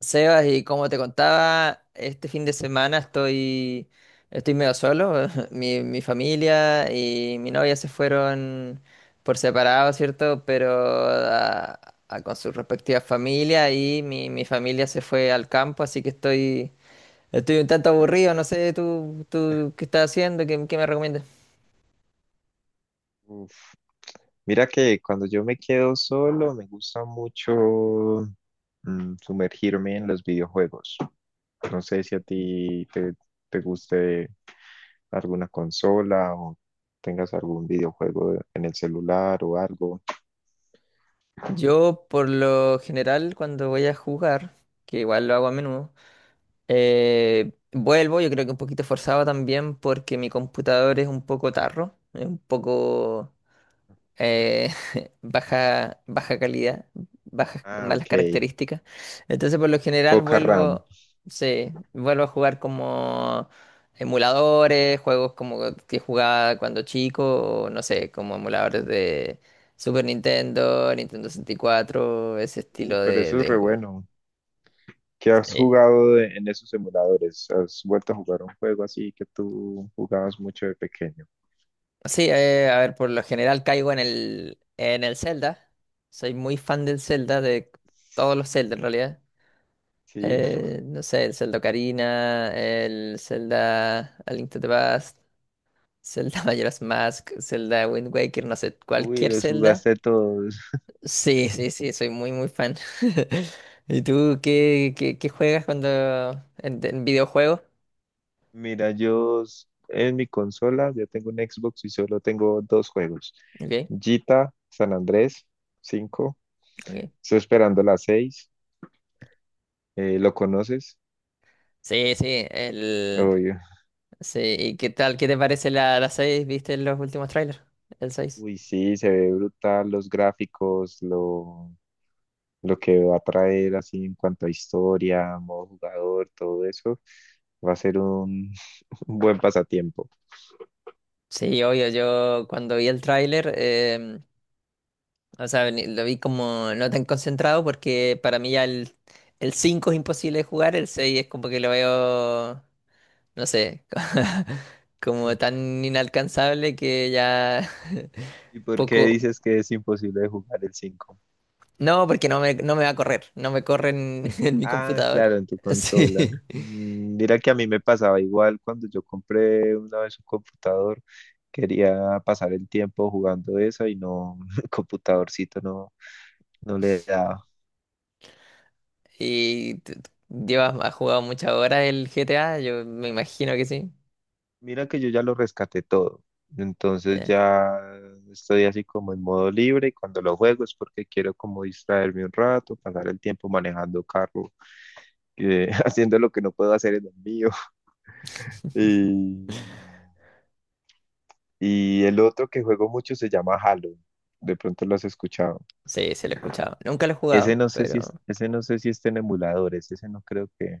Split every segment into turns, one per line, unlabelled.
Sebas, y como te contaba, este fin de semana estoy medio solo. Mi familia y mi novia se fueron por separado, ¿cierto? Pero con sus respectivas familias y mi familia se fue al campo, así que estoy un tanto aburrido. No sé, tú qué estás haciendo, qué me recomiendas.
Uf, mira que cuando yo me quedo solo, me gusta mucho sumergirme en los videojuegos. No sé si a ti te guste alguna consola o tengas algún videojuego en el celular o algo.
Yo, por lo general, cuando voy a jugar, que igual lo hago a menudo, vuelvo, yo creo que un poquito forzado también porque mi computador es un poco tarro, es un poco eh, baja calidad, bajas,
Ah,
malas
ok.
características. Entonces, por lo general,
Poca RAM.
vuelvo, sí, vuelvo a jugar como emuladores, juegos como que jugaba cuando chico, o no sé, como emuladores de Super Nintendo, Nintendo 64, ese estilo
Pero eso es
de
re
juegos.
bueno. ¿Qué has jugado en esos emuladores? ¿Has vuelto a jugar un juego así que tú jugabas mucho de pequeño?
Sí, a ver, por lo general caigo en en el Zelda. Soy muy fan del Zelda, de todos los Zelda en realidad.
Sí.
No sé, el Zelda Ocarina, el Zelda A Link to the Past, Zelda Majora's Mask, Zelda Wind Waker, no sé,
Uy,
cualquier
los
Zelda.
jugaste todos.
Sí, sí, sí, soy muy fan. ¿Y tú qué, qué juegas cuando en videojuegos?
Mira, en mi consola ya tengo un Xbox y solo tengo dos juegos.
Ok,
Gita, San Andrés, 5.
ok.
Estoy esperando la 6. ¿Lo conoces?
Sí, sí, el...
Obvio.
Sí, ¿y qué tal? ¿Qué te parece la seis? ¿Viste los últimos trailers? El 6.
Uy, sí, se ve brutal los gráficos, lo que va a traer así en cuanto a historia, modo jugador, todo eso, va a ser un un buen pasatiempo.
Sí, obvio, yo cuando vi el tráiler, o sea, lo vi como no tan concentrado porque para mí ya el 5 es imposible de jugar, el 6 es como que lo veo, no sé, como tan inalcanzable que ya
¿Y por qué
poco...
dices que es imposible de jugar el cinco?
No, porque no no me va a correr, no me corre en, en mi
Ah,
computador.
claro, en tu consola.
Sí.
Mm, mira que a mí me pasaba igual cuando yo compré una vez un computador. Quería pasar el tiempo jugando eso y no, el computadorcito no le daba.
¿Y llevas, has jugado muchas horas el GTA? Yo me imagino que sí.
Mira que yo ya lo rescaté todo. Entonces
Ya.
ya estoy así como en modo libre, y cuando lo juego es porque quiero como distraerme un rato, pasar el tiempo manejando carro, haciendo lo que no puedo hacer en el mío. Y, y el otro que juego mucho se llama Halo. De pronto lo has escuchado.
Sí, se lo he escuchado. Nunca lo he
Ese
jugado,
no sé si
pero...
ese no sé si está en emuladores, ese no creo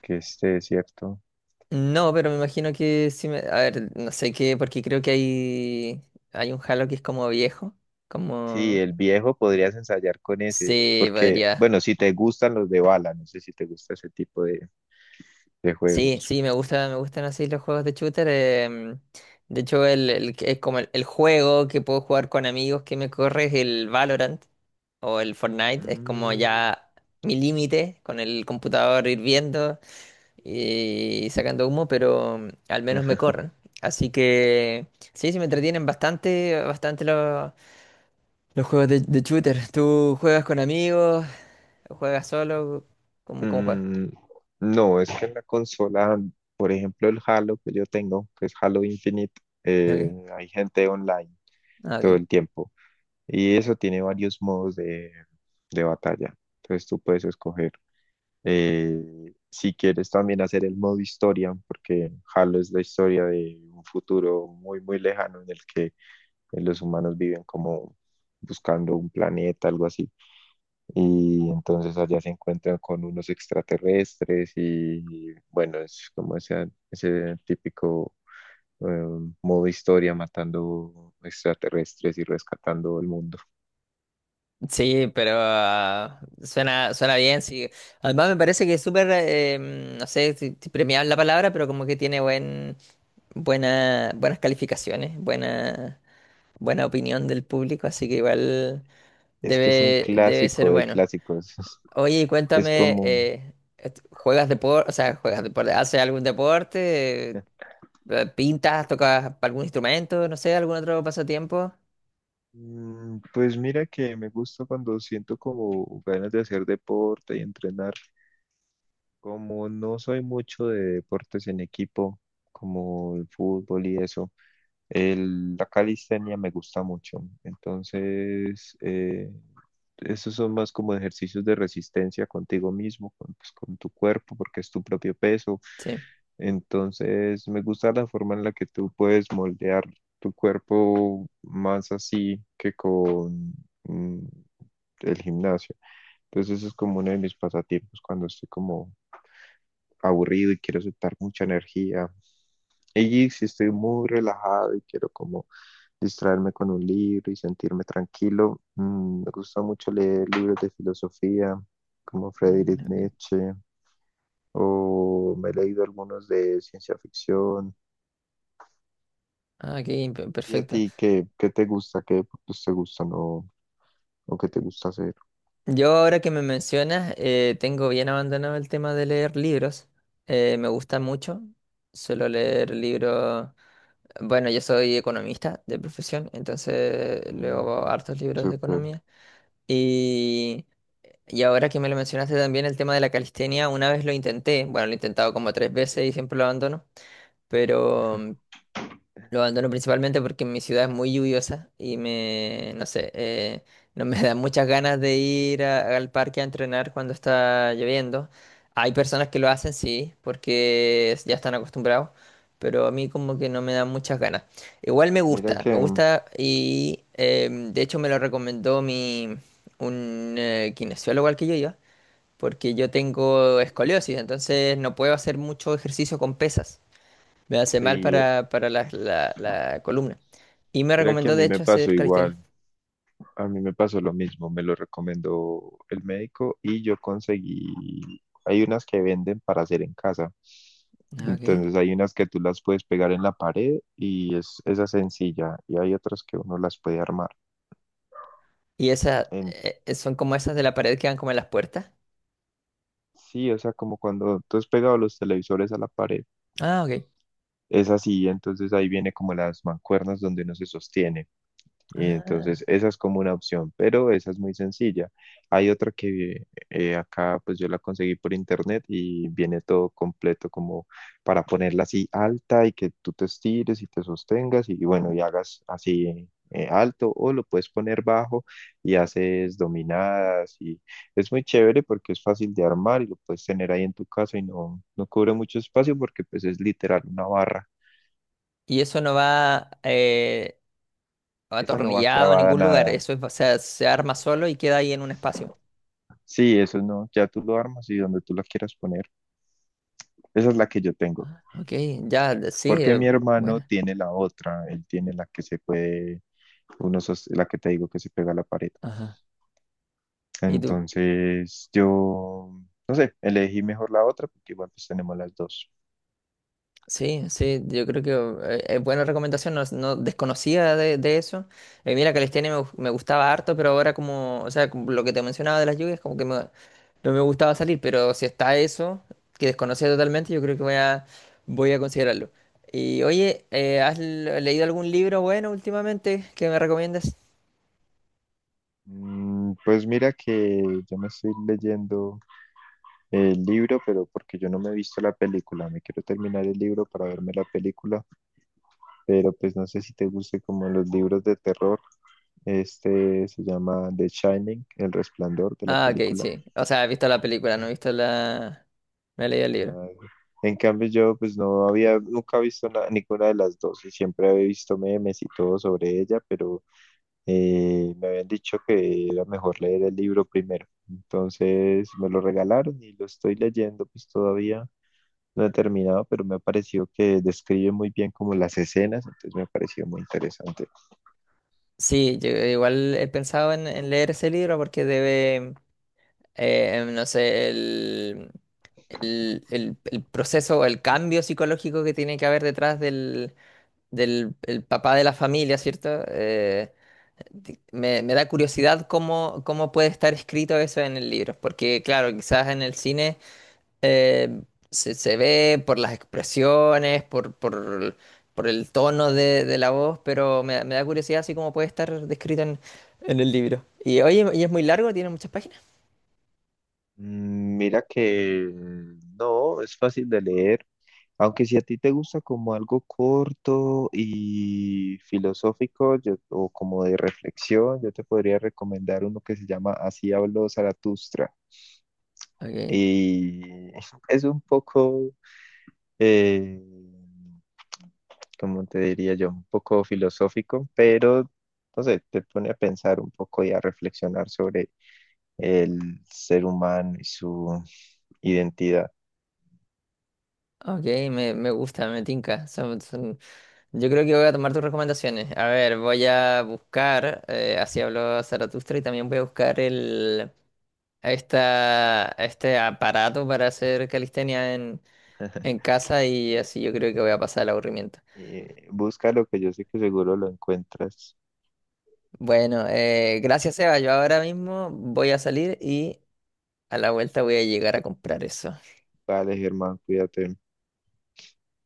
que esté, ¿cierto?
No, pero me imagino que sí me... A ver, no sé qué, porque creo que hay... Hay un Halo que es como viejo.
Sí,
Como...
el viejo podrías ensayar con ese,
Sí,
porque,
podría.
bueno, si te gustan los de bala, no sé si te gusta ese tipo de
Sí,
juegos.
sí, me gusta, me gustan así los juegos de shooter. De hecho, el que es como el juego que puedo jugar con amigos que me corre es el Valorant o el Fortnite. Es como
Mm,
ya mi límite con el computador hirviendo y sacando humo, pero al menos me corren. Así que sí, sí me entretienen bastante los juegos de shooter. ¿Tú juegas con amigos? ¿Juegas solo? ¿Cómo, cómo juegas?
mm, no, es que en la consola, por ejemplo, el Halo que yo tengo, que es Halo Infinite, eh,
Okay.
hay gente online
Ah,
todo
ok.
el tiempo. Y eso tiene varios modos de batalla. Entonces tú puedes escoger. Si quieres también hacer el modo historia, porque Halo es la historia de un futuro muy, muy lejano en el que los humanos viven como buscando un planeta, algo así, y entonces allá se encuentran con unos extraterrestres y bueno, es como ese típico eh, modo historia matando extraterrestres y rescatando el mundo.
Sí, pero suena, suena bien, sí. Además me parece que es súper, no sé si, si premiable la palabra, pero como que tiene buen, buena, buenas calificaciones, buena, buena opinión del público, así que igual
Es que es un
debe, debe ser
clásico de
bueno.
clásicos,
Oye, y
es
cuéntame,
como
¿juegas deporte? O sea, ¿juegas deporte? ¿Haces algún deporte? ¿Pintas? ¿Tocas algún instrumento? No sé, algún otro pasatiempo.
pues mira que me gusta cuando siento como ganas de hacer deporte y entrenar. Como no soy mucho de deportes en equipo, como el fútbol y eso, la calistenia me gusta mucho. Entonces, esos son más como ejercicios de resistencia contigo mismo, con, pues, con tu cuerpo, porque es tu propio peso.
Sí.
Entonces, me gusta la forma en la que tú puedes moldear tu cuerpo más así que con mm, el gimnasio. Entonces, eso es como uno de mis pasatiempos cuando estoy como aburrido y quiero soltar mucha energía. Y si estoy muy relajado y quiero como distraerme con un libro y sentirme tranquilo. Mm, me gusta mucho leer libros de filosofía como
Mm,
Friedrich
ok.
Nietzsche, o me he leído algunos de ciencia ficción.
Ah, ok,
¿Y a
perfecto.
ti qué, te gusta? ¿Qué deportes te gustan o qué te gusta hacer?
Yo ahora que me mencionas, tengo bien abandonado el tema de leer libros. Me gusta mucho. Suelo leer libros. Bueno, yo soy economista de profesión, entonces
Mm,
leo hartos libros de
súper.
economía. Y, y ahora que me lo mencionaste también el tema de la calistenia, una vez lo intenté. Bueno, lo he intentado como tres veces y siempre lo abandono. Pero lo abandono principalmente porque mi ciudad es muy lluviosa y me, no sé, no me dan muchas ganas de ir al parque a entrenar cuando está lloviendo. Hay personas que lo hacen, sí, porque ya están acostumbrados, pero a mí como que no me dan muchas ganas. Igual
Mira
me
que,
gusta y de hecho me lo recomendó mi, un kinesiólogo al que yo iba, porque yo tengo escoliosis, entonces no puedo hacer mucho ejercicio con pesas. Me hace mal
sí,
para la columna. Y me
mira que a
recomendó, de
mí me
hecho,
pasó
hacer calistenia.
igual. A mí me pasó lo mismo, me lo recomendó el médico y yo conseguí, hay unas que venden para hacer en casa.
Ah, ok.
Entonces hay unas que tú las puedes pegar en la pared y es esa es sencilla, y hay otras que uno las puede armar.
Y esas
En,
son como esas de la pared que van como en las puertas.
sí, o sea, como cuando tú has pegado los televisores a la pared,
Ah, ok.
es así, entonces ahí viene como las mancuernas donde uno se sostiene. Y entonces
Ah.
esa es como una opción, pero esa es muy sencilla. Hay otra que acá pues yo la conseguí por internet y viene todo completo como para ponerla así alta y que tú te estires y te sostengas y bueno, y hagas así alto, o lo puedes poner bajo y haces dominadas, y es muy chévere porque es fácil de armar y lo puedes tener ahí en tu casa y no, no cubre mucho espacio porque pues es literal una barra.
Y eso no va
Esa no va
atornillado en
clavada a
ningún lugar.
nada.
Eso es, o sea, se arma solo y queda ahí en un espacio.
Sí, eso no, ya tú lo armas y donde tú la quieras poner. Esa es la que yo tengo.
Ok, ya, sí,
Porque mi hermano
buena.
tiene la otra, él tiene la que se puede, la que te digo que se pega a la pared.
Ajá. ¿Y tú?
Entonces, yo, no sé, elegí mejor la otra porque igual pues tenemos las dos.
Sí, sí, yo creo que es buena recomendación, no, no desconocía de eso. Mira, calistenia me gustaba harto, pero ahora como, o sea, como lo que te mencionaba de las lluvias, como que no me gustaba salir, pero si está eso, que desconocía totalmente, yo creo que voy a considerarlo. Y oye, ¿has leído algún libro bueno últimamente que me recomiendes?
Mm, pues mira que yo me estoy leyendo el libro, pero porque yo no me he visto la película, me quiero terminar el libro para verme la película, pero pues no sé si te guste como los libros de terror. Este se llama The Shining, El Resplandor de la
Ah, ok,
película.
sí. O sea, he visto la película, no he visto la... No he leído el libro.
Ah, en cambio yo pues no había nunca visto ninguna de las dos y siempre había visto memes y todo sobre ella, pero me habían dicho que era mejor leer el libro primero. Entonces me lo regalaron y lo estoy leyendo, pues todavía no he terminado, pero me ha parecido que describe muy bien como las escenas, entonces me ha parecido muy interesante.
Sí, yo igual he pensado en leer ese libro porque debe... no sé, el proceso o el cambio psicológico que tiene que haber detrás del, del el papá de la familia, ¿cierto? Me, me da curiosidad cómo, cómo puede estar escrito eso en el libro, porque claro, quizás en el cine eh, se, se ve por las expresiones, por el tono de la voz, pero me da curiosidad así cómo puede estar descrito en el libro. Y oye, ¿y es muy largo? ¿Tiene muchas páginas?
Mm, mira que no, es fácil de leer, aunque si a ti te gusta como algo corto y filosófico, o como de reflexión, yo te podría recomendar uno que se llama Así habló Zaratustra.
Ok.
Y es un poco, eh, como te diría yo, un poco filosófico, pero no sé, te pone a pensar un poco y a reflexionar sobre el ser humano y su identidad.
Ok, me gusta, me tinca. Yo creo que voy a tomar tus recomendaciones. A ver, voy a buscar, así habló Zaratustra, y también voy a buscar este aparato para hacer calistenia en casa y así yo creo que voy a pasar el aburrimiento.
Busca lo que yo sé que seguro lo encuentras.
Bueno, gracias, Eva. Yo ahora mismo voy a salir y a la vuelta voy a llegar a comprar eso.
Vale, Germán, cuídate.